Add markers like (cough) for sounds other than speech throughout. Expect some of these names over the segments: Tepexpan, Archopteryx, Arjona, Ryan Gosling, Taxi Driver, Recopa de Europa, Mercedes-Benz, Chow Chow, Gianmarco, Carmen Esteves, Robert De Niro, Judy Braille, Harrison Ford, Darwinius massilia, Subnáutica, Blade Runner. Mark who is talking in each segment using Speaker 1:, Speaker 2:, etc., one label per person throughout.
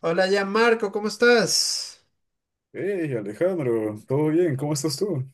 Speaker 1: Hola ya Marco, ¿cómo estás?
Speaker 2: Hey Alejandro, ¿todo bien? ¿Cómo estás tú?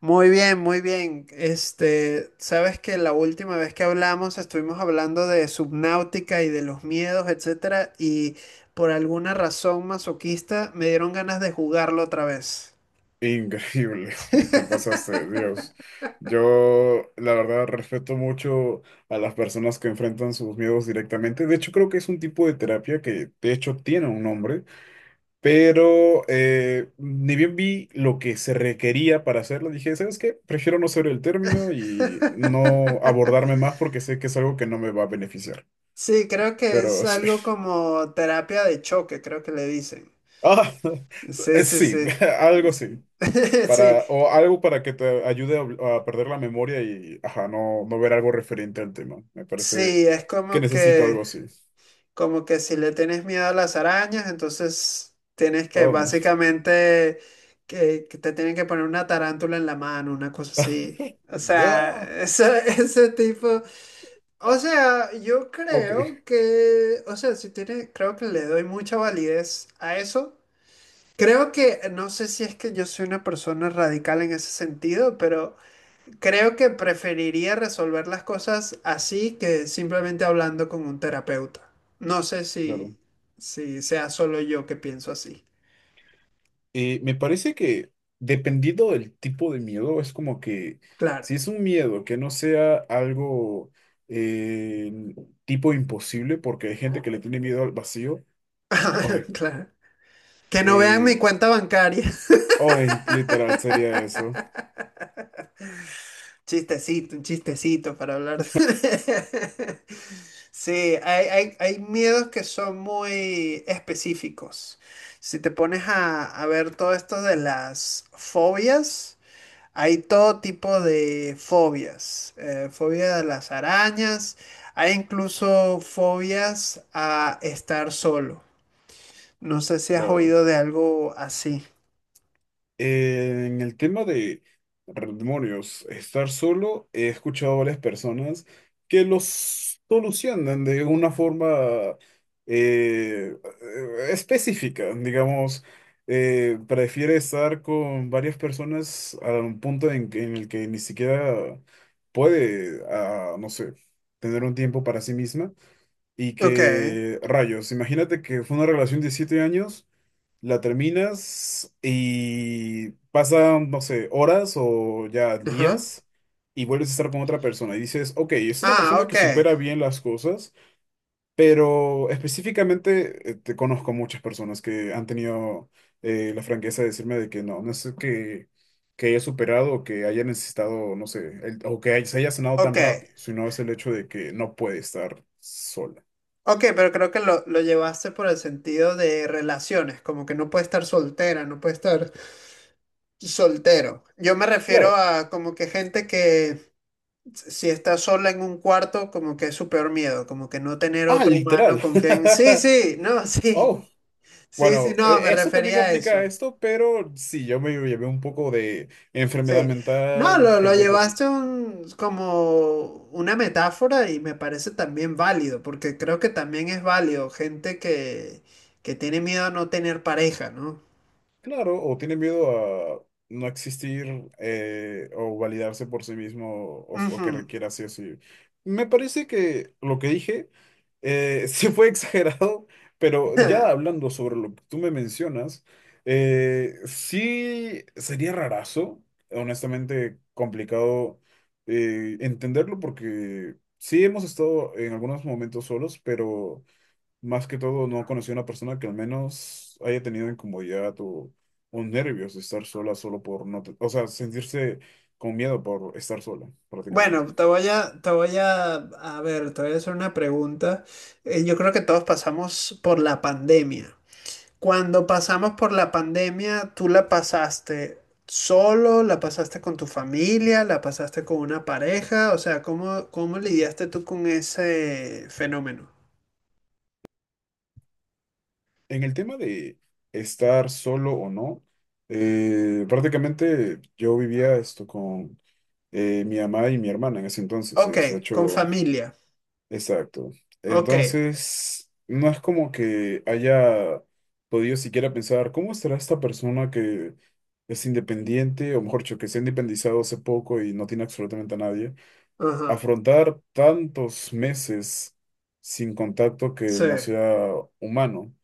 Speaker 1: Muy bien, muy bien. Sabes que la última vez que hablamos estuvimos hablando de Subnáutica y de los miedos, etcétera, y por alguna razón masoquista me dieron ganas de jugarlo otra vez.
Speaker 2: Increíble, (laughs) te
Speaker 1: (laughs)
Speaker 2: pasaste, Dios. Yo, la verdad, respeto mucho a las personas que enfrentan sus miedos directamente. De hecho, creo que es un tipo de terapia que, de hecho, tiene un nombre, pero ni bien vi lo que se requería para hacerlo. Dije, ¿sabes qué? Prefiero no saber el término y no abordarme más porque sé que es algo que no me va a beneficiar.
Speaker 1: Sí, creo que es
Speaker 2: Pero sí.
Speaker 1: algo
Speaker 2: (laughs)
Speaker 1: como terapia de choque, creo que le dicen.
Speaker 2: Ah,
Speaker 1: Sí,
Speaker 2: (laughs)
Speaker 1: sí,
Speaker 2: sí,
Speaker 1: sí.
Speaker 2: (laughs) algo sí.
Speaker 1: (laughs) Sí,
Speaker 2: Para, o algo para que te ayude a perder la memoria y ajá, no, no ver algo referente al tema. Me parece
Speaker 1: sí, es
Speaker 2: que
Speaker 1: como
Speaker 2: necesito algo
Speaker 1: que,
Speaker 2: así.
Speaker 1: como que si le tienes miedo a las arañas, entonces tienes que
Speaker 2: Oh, no.
Speaker 1: básicamente que te tienen que poner una tarántula en la mano, una cosa así.
Speaker 2: (laughs)
Speaker 1: O sea,
Speaker 2: Ah,
Speaker 1: ese, (laughs) ese tipo. O sea, yo
Speaker 2: ok,
Speaker 1: creo que, o sea, si tiene, creo que le doy mucha validez a eso. Creo que, no sé si es que yo soy una persona radical en ese sentido, pero creo que preferiría resolver las cosas así que simplemente hablando con un terapeuta. No sé
Speaker 2: claro.
Speaker 1: si, si sea solo yo que pienso así.
Speaker 2: Me parece que dependiendo del tipo de miedo, es como que
Speaker 1: Claro,
Speaker 2: si es un miedo que no sea algo eh, tipo imposible, porque hay gente que le tiene miedo al vacío,
Speaker 1: (laughs)
Speaker 2: hoy,
Speaker 1: claro. Que no vean
Speaker 2: eh,
Speaker 1: mi cuenta bancaria. (laughs)
Speaker 2: ay, literal sería eso.
Speaker 1: Chistecito, un chistecito para hablar. (laughs) Sí, hay miedos que son muy específicos. Si te pones a ver todo esto de las fobias. Hay todo tipo de fobias, fobia a las arañas, hay incluso fobias a estar solo. No sé si has
Speaker 2: Claro.
Speaker 1: oído de algo así.
Speaker 2: En el tema de demonios, estar solo, he escuchado a varias personas que los solucionan de una forma eh, específica, digamos, prefiere estar con varias personas a un punto en, en el que ni siquiera puede, ah, no sé, tener un tiempo para sí misma y
Speaker 1: Ok,
Speaker 2: que, rayos, imagínate que fue una relación de 7 años. La terminas y pasan, no sé, horas o ya
Speaker 1: ajá.
Speaker 2: días y vuelves a estar con otra persona y dices, ok, es una
Speaker 1: Ah,
Speaker 2: persona
Speaker 1: ok,
Speaker 2: que supera bien las cosas, pero específicamente te conozco muchas personas que han tenido la franqueza de decirme de que no, no es que haya superado o que haya necesitado, no sé, o que se haya sanado
Speaker 1: ok,
Speaker 2: tan rápido, sino es el hecho de que no puede estar sola.
Speaker 1: ok, pero creo que lo llevaste por el sentido de relaciones, como que no puede estar soltera, no puede estar soltero. Yo me refiero
Speaker 2: Claro.
Speaker 1: a como que gente que si está sola en un cuarto, como que es su peor miedo, como que no tener
Speaker 2: Ah,
Speaker 1: otro humano
Speaker 2: literal.
Speaker 1: con quien. Sí, sí, no, (laughs)
Speaker 2: (laughs)
Speaker 1: sí,
Speaker 2: oh.
Speaker 1: sí, sí,
Speaker 2: Bueno,
Speaker 1: no, me
Speaker 2: eso también
Speaker 1: refería a
Speaker 2: aplica a
Speaker 1: eso.
Speaker 2: esto, pero sí, yo me llevé un poco de enfermedad
Speaker 1: Sí. No,
Speaker 2: mental,
Speaker 1: lo
Speaker 2: gente que,
Speaker 1: llevaste un- como una metáfora y me parece también válido, porque creo que también es válido gente que tiene miedo a no tener pareja, ¿no?
Speaker 2: claro, o tiene miedo a no existir o validarse por sí mismo o que
Speaker 1: Ujú.
Speaker 2: requiera sí o sí. Me parece que lo que dije (laughs) sí fue exagerado, pero ya hablando sobre lo que tú me mencionas, sí sería rarazo, honestamente complicado entenderlo porque sí hemos estado en algunos momentos solos, pero... Más que todo, no conocí a una persona que al menos haya tenido incomodidad o nervios de estar sola solo por no, o sea, sentirse con miedo por estar sola, prácticamente.
Speaker 1: Bueno, te voy a, te voy a ver, te voy a hacer una pregunta. Yo creo que todos pasamos por la pandemia. Cuando pasamos por la pandemia, ¿tú la pasaste solo? ¿La pasaste con tu familia? ¿La pasaste con una pareja? O sea, ¿cómo, cómo lidiaste tú con ese fenómeno?
Speaker 2: En el tema de estar solo o no, prácticamente yo vivía esto con mi mamá y mi hermana en ese entonces.
Speaker 1: Ok,
Speaker 2: De
Speaker 1: con
Speaker 2: hecho,
Speaker 1: familia.
Speaker 2: exacto.
Speaker 1: Ok,
Speaker 2: Entonces, no es como que haya podido siquiera pensar, ¿cómo será esta persona que es independiente, o mejor dicho, que se ha independizado hace poco y no tiene absolutamente a nadie?
Speaker 1: ajá,
Speaker 2: Afrontar tantos meses sin contacto que
Speaker 1: sí,
Speaker 2: no sea humano.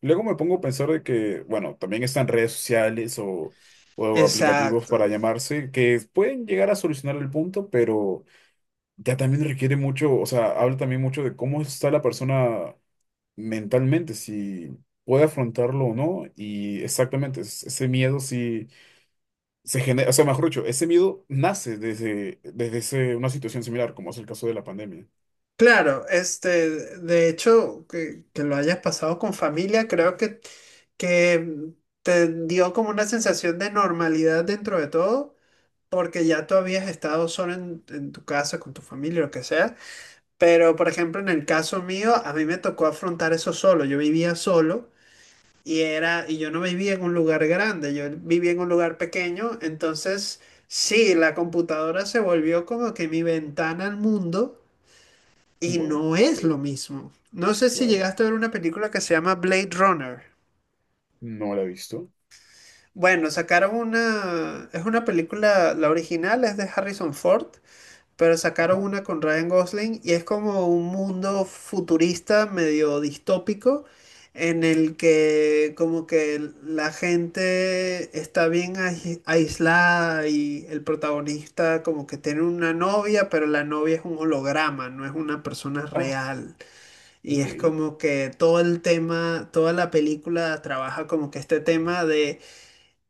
Speaker 2: Luego me pongo a pensar de que, bueno, también están redes sociales o aplicativos para
Speaker 1: exacto.
Speaker 2: llamarse que pueden llegar a solucionar el punto, pero ya también requiere mucho, o sea, habla también mucho de cómo está la persona mentalmente, si puede afrontarlo o no, y exactamente, ese miedo si se genera, o sea, mejor dicho, ese miedo nace desde una situación similar, como es el caso de la pandemia.
Speaker 1: Claro, este, de hecho, que lo hayas pasado con familia, creo que te dio como una sensación de normalidad dentro de todo, porque ya tú habías estado solo en tu casa, con tu familia, lo que sea. Pero, por ejemplo, en el caso mío, a mí me tocó afrontar eso solo. Yo vivía solo y era, y yo no vivía en un lugar grande, yo vivía en un lugar pequeño. Entonces, sí, la computadora se volvió como que mi ventana al mundo y
Speaker 2: Bueno,
Speaker 1: no es lo
Speaker 2: sí,
Speaker 1: mismo. No sé si
Speaker 2: claro.
Speaker 1: llegaste a ver una película que se llama Blade Runner.
Speaker 2: No la he visto.
Speaker 1: Bueno, sacaron una, es una película, la original es de Harrison Ford, pero sacaron
Speaker 2: No.
Speaker 1: una con Ryan Gosling y es como un mundo futurista medio distópico en el que como que la gente está bien ais- aislada y el protagonista como que tiene una novia, pero la novia es un holograma, no es una persona
Speaker 2: Ah,
Speaker 1: real. Y
Speaker 2: ok.
Speaker 1: es como que todo el tema, toda la película trabaja como que este tema de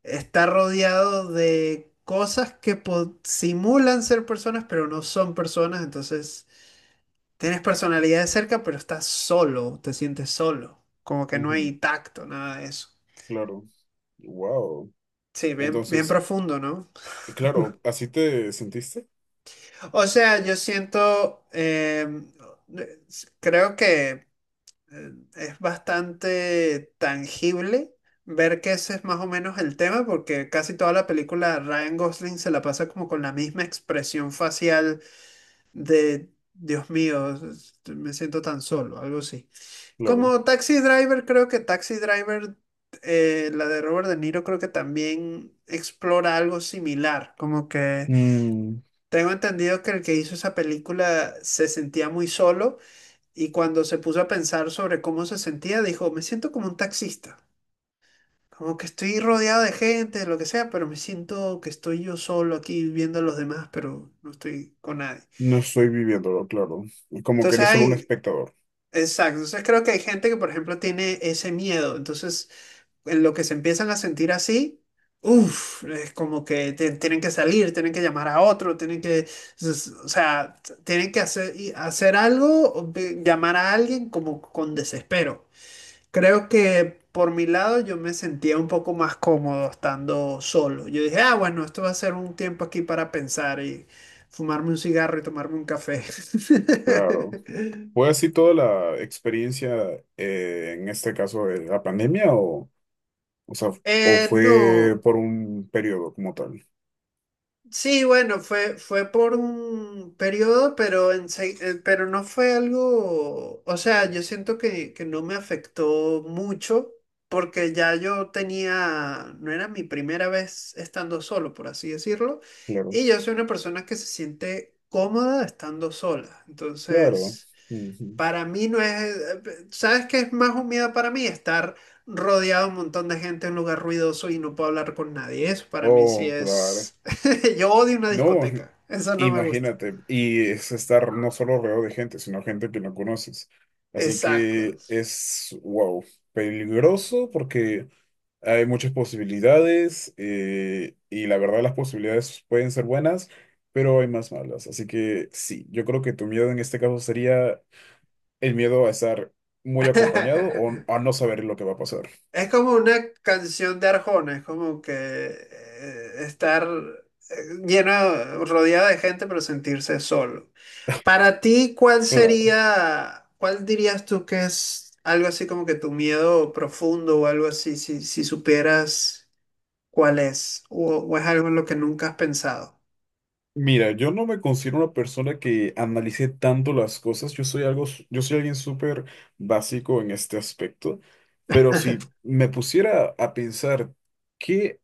Speaker 1: está rodeado de cosas que po- simulan ser personas, pero no son personas. Entonces, tienes personalidad de cerca, pero estás solo, te sientes solo. Como que no
Speaker 2: Ujú,
Speaker 1: hay tacto, nada de eso.
Speaker 2: claro. Wow.
Speaker 1: Sí, bien, bien
Speaker 2: Entonces,
Speaker 1: profundo, ¿no?
Speaker 2: claro, ¿así te sentiste?
Speaker 1: O sea, yo siento, creo que es bastante tangible ver que ese es más o menos el tema, porque casi toda la película Ryan Gosling se la pasa como con la misma expresión facial de Dios mío, es- este, me siento tan solo, algo así.
Speaker 2: Claro.
Speaker 1: Como Taxi Driver, creo que Taxi Driver, la de Robert De Niro, creo que también explora algo similar. Como que
Speaker 2: Mm.
Speaker 1: tengo entendido que el que hizo esa película se sentía muy solo y cuando se puso a pensar sobre cómo se sentía, dijo, me siento como un taxista. Como que estoy rodeado de gente, lo que sea, pero me siento que estoy yo solo aquí viendo a los demás, pero no estoy con nadie.
Speaker 2: No estoy viviéndolo, claro. Como que
Speaker 1: Entonces
Speaker 2: eres solo un
Speaker 1: hay,
Speaker 2: espectador,
Speaker 1: exacto, entonces creo que hay gente que, por ejemplo, tiene ese miedo, entonces en lo que se empiezan a sentir así, uff, es como que te- tienen que salir, tienen que llamar a otro, tienen que, s- o sea, t- tienen que hacer, y hacer algo, o ve- llamar a alguien como con desespero. Creo que por mi lado yo me sentía un poco más cómodo estando solo. Yo dije, ah, bueno, esto va a ser un tiempo aquí para pensar y fumarme un cigarro y tomarme un café.
Speaker 2: claro. ¿Fue
Speaker 1: (laughs)
Speaker 2: así toda la experiencia en este caso de la pandemia o sea, o fue
Speaker 1: No.
Speaker 2: por un periodo como tal?
Speaker 1: Sí, bueno, fue, fue por un periodo, pero, ense- pero no fue algo, o sea, yo siento que no me afectó mucho porque ya yo tenía, no era mi primera vez estando solo, por así decirlo,
Speaker 2: Claro,
Speaker 1: y yo soy una persona que se siente cómoda estando sola,
Speaker 2: claro.
Speaker 1: entonces...
Speaker 2: Ujú.
Speaker 1: Para mí no es, ¿sabes qué es más humillado para mí? Estar rodeado de un montón de gente en un lugar ruidoso y no puedo hablar con nadie. Eso para mí sí
Speaker 2: Oh, claro.
Speaker 1: es... (laughs) Yo odio una
Speaker 2: No,
Speaker 1: discoteca. Eso no me gusta.
Speaker 2: imagínate. Y es estar no solo rodeado de gente, sino gente que no conoces. Así
Speaker 1: Exacto.
Speaker 2: que es, wow, peligroso porque... Hay muchas posibilidades y la verdad las posibilidades pueden ser buenas, pero hay más malas. Así que sí, yo creo que tu miedo en este caso sería el miedo a estar muy acompañado o
Speaker 1: (laughs)
Speaker 2: a no saber lo que va a pasar.
Speaker 1: Es como una canción de Arjona, es como que estar eh, lleno, rodeado de gente, pero sentirse solo. Para ti, ¿cuál
Speaker 2: Claro.
Speaker 1: sería, cuál dirías tú que es algo así como que tu miedo profundo o algo así, si, si supieras cuál es, o es algo en lo que nunca has pensado?
Speaker 2: Mira, yo no me considero una persona que analice tanto las cosas. Yo soy algo, yo soy alguien súper básico en este aspecto. Pero si me pusiera a pensar qué.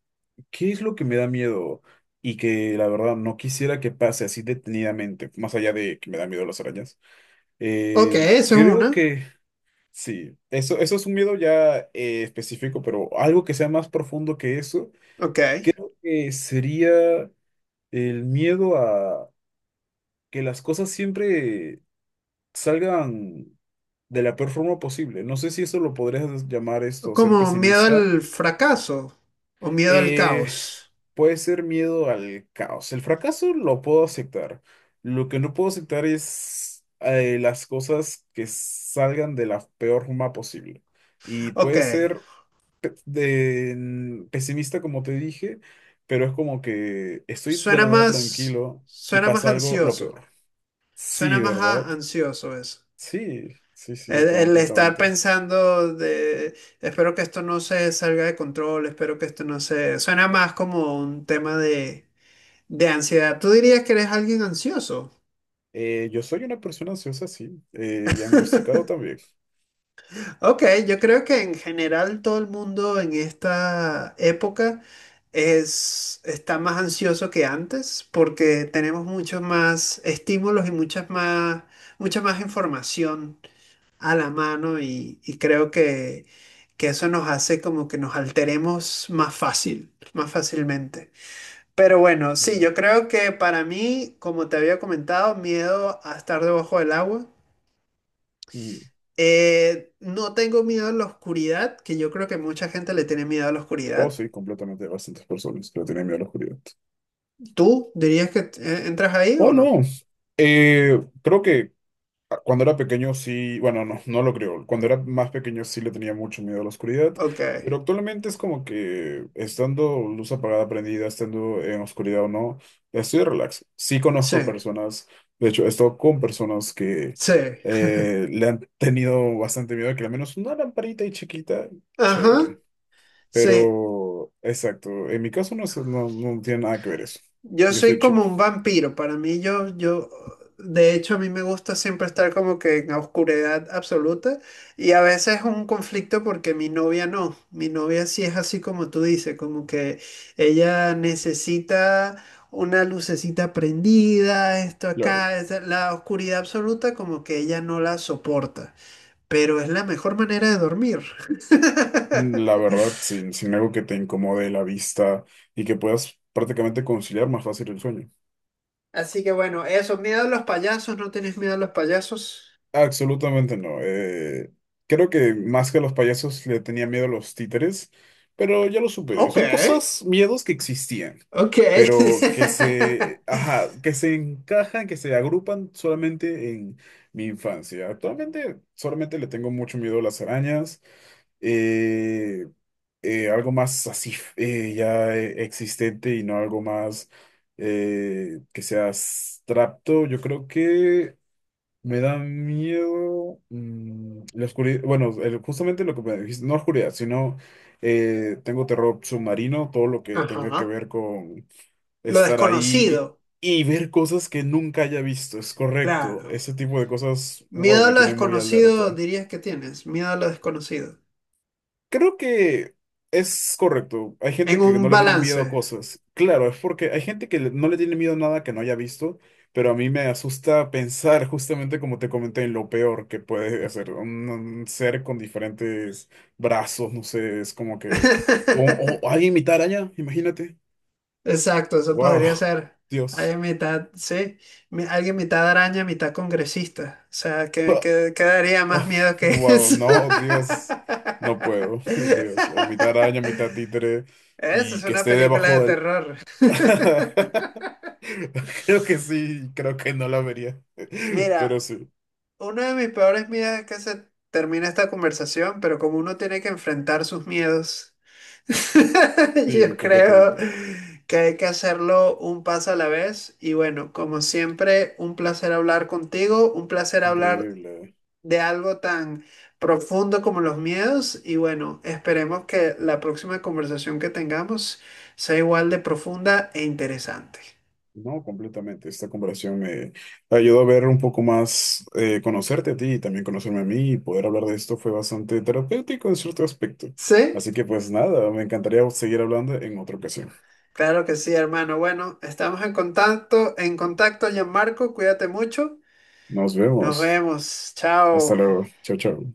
Speaker 2: ¿Qué es lo que me da miedo y que la verdad no quisiera que pase así detenidamente, más allá de que me da miedo las arañas?
Speaker 1: Ok, eso es
Speaker 2: Creo
Speaker 1: una.
Speaker 2: que sí, eso es un miedo ya específico, pero algo que sea más profundo que eso,
Speaker 1: Ok.
Speaker 2: creo que sería el miedo a que las cosas siempre salgan de la peor forma posible. No sé si eso lo podrías llamar esto, ser
Speaker 1: Como miedo
Speaker 2: pesimista.
Speaker 1: al fracaso o miedo al
Speaker 2: Eh,
Speaker 1: caos.
Speaker 2: puede ser miedo al caos. El fracaso lo puedo aceptar. Lo que no puedo aceptar es las cosas que salgan de la peor forma posible. Y
Speaker 1: Ok.
Speaker 2: puede ser pesimista, como te dije, pero es como que estoy de la nada tranquilo y
Speaker 1: Suena más
Speaker 2: pasa algo lo peor.
Speaker 1: ansioso, suena
Speaker 2: Sí,
Speaker 1: más
Speaker 2: ¿verdad?
Speaker 1: a- ansioso eso.
Speaker 2: Sí, sí, sí,
Speaker 1: El estar
Speaker 2: completamente.
Speaker 1: pensando de, espero que esto no se salga de control, espero que esto no se... Suena más como un tema de ansiedad. ¿Tú dirías que eres alguien ansioso?
Speaker 2: Yo soy una persona ansiosa, sí, diagnosticado
Speaker 1: (laughs)
Speaker 2: también.
Speaker 1: Ok, yo creo que en general todo el mundo en esta época es, está más ansioso que antes porque tenemos muchos más estímulos y muchas más, mucha más información a la mano y creo que eso nos hace como que nos alteremos más fácil, más fácilmente. Pero bueno, sí, yo creo que para mí, como te había comentado, miedo a estar debajo del agua.
Speaker 2: Mm.
Speaker 1: No tengo miedo a la oscuridad, que yo creo que mucha gente le tiene miedo a la
Speaker 2: Oh,
Speaker 1: oscuridad.
Speaker 2: sí, completamente. Hay bastantes personas que le tienen miedo a la oscuridad.
Speaker 1: ¿Tú dirías que entras ahí
Speaker 2: Oh,
Speaker 1: o no?
Speaker 2: no. Creo que cuando era pequeño sí, bueno, no, no lo creo. Cuando era más pequeño sí le tenía mucho miedo a la oscuridad,
Speaker 1: Ok,
Speaker 2: pero actualmente es como que estando luz apagada, prendida, estando en oscuridad o no, estoy relax. Sí
Speaker 1: sí,
Speaker 2: conozco a personas, de hecho, he estado con personas que
Speaker 1: sí.
Speaker 2: le han tenido bastante miedo, que al menos una lamparita y chiquita,
Speaker 1: Ajá,
Speaker 2: chévere.
Speaker 1: sí.
Speaker 2: Pero, exacto, en mi caso no, sé, no, no tiene nada que ver eso.
Speaker 1: Yo
Speaker 2: Yo soy
Speaker 1: soy
Speaker 2: chill,
Speaker 1: como un vampiro, para mí yo, yo, de hecho a mí me gusta siempre estar como que en la oscuridad absoluta y a veces es un conflicto porque mi novia no, mi novia sí es así como tú dices, como que ella necesita una lucecita prendida, esto
Speaker 2: claro.
Speaker 1: acá, es la oscuridad absoluta como que ella no la soporta, pero es la mejor manera de dormir. (laughs)
Speaker 2: La verdad, sin, sin algo que te incomode la vista y que puedas prácticamente conciliar más fácil el sueño.
Speaker 1: Así que bueno, eso, miedo a los payasos, ¿no tienes miedo a los payasos?
Speaker 2: Absolutamente no. Creo que más que a los payasos le tenía miedo a los títeres, pero ya lo superé.
Speaker 1: Ok.
Speaker 2: Son cosas, miedos que existían,
Speaker 1: Ok. (laughs)
Speaker 2: pero que se, ajá, que se encajan, que se agrupan solamente en mi infancia. Actualmente solamente le tengo mucho miedo a las arañas. eh, algo más así existente y no algo más que sea abstracto. Yo creo que me da miedo mm, la oscuridad. Bueno, justamente lo que me dijiste, no oscuridad, sino tengo terror submarino, todo lo que tenga que
Speaker 1: Ajá.
Speaker 2: ver con
Speaker 1: Lo
Speaker 2: estar ahí
Speaker 1: desconocido,
Speaker 2: y ver cosas que nunca haya visto, es correcto.
Speaker 1: claro.
Speaker 2: Ese tipo de cosas, wow,
Speaker 1: Miedo a
Speaker 2: me
Speaker 1: lo
Speaker 2: tiene muy alerta.
Speaker 1: desconocido dirías que tienes, miedo a lo desconocido.
Speaker 2: Creo que es correcto. Hay
Speaker 1: En
Speaker 2: gente que
Speaker 1: un
Speaker 2: no le tiene miedo
Speaker 1: balance.
Speaker 2: a cosas. Claro, es porque hay gente que no le tiene miedo a nada que no haya visto, pero a mí me asusta pensar justamente como te comenté en lo peor que puede hacer un ser con diferentes brazos, no sé, es como que... O, o
Speaker 1: (laughs)
Speaker 2: alguien mitad araña, imagínate.
Speaker 1: Exacto, eso podría
Speaker 2: Wow,
Speaker 1: ser.
Speaker 2: (laughs)
Speaker 1: Hay
Speaker 2: Dios.
Speaker 1: mitad, sí, mi- alguien mitad araña, mitad congresista. O sea, ¿qué,
Speaker 2: Pa-
Speaker 1: qué- qué daría más
Speaker 2: oh,
Speaker 1: miedo que
Speaker 2: wow,
Speaker 1: eso?
Speaker 2: no, Dios. No puedo,
Speaker 1: (laughs)
Speaker 2: (laughs) Dios. O mitad araña, mitad títere
Speaker 1: Esa es
Speaker 2: y que
Speaker 1: una
Speaker 2: esté
Speaker 1: película de
Speaker 2: debajo del...
Speaker 1: terror.
Speaker 2: (laughs)
Speaker 1: (laughs)
Speaker 2: Creo que sí, creo que no la vería. (laughs)
Speaker 1: Mira.
Speaker 2: Pero sí,
Speaker 1: Uno de mis peores miedos es que se termine esta conversación, pero como uno tiene que enfrentar sus miedos, (laughs) yo
Speaker 2: sí,
Speaker 1: creo
Speaker 2: completamente.
Speaker 1: que hay que hacerlo un paso a la vez. Y bueno, como siempre, un placer hablar contigo, un placer hablar
Speaker 2: Increíble.
Speaker 1: de algo tan profundo como los miedos. Y bueno, esperemos que la próxima conversación que tengamos sea igual de profunda e interesante.
Speaker 2: No, completamente. Esta conversación me ayudó a ver un poco más, conocerte a ti y también conocerme a mí y poder hablar de esto fue bastante terapéutico en cierto aspecto.
Speaker 1: ¿Sí?
Speaker 2: Así que pues nada, me encantaría seguir hablando en otra ocasión.
Speaker 1: Claro que sí, hermano. Bueno, estamos en contacto, Gianmarco. Cuídate mucho.
Speaker 2: Nos
Speaker 1: Nos
Speaker 2: vemos.
Speaker 1: vemos.
Speaker 2: Hasta
Speaker 1: Chao.
Speaker 2: luego. Chao, chao.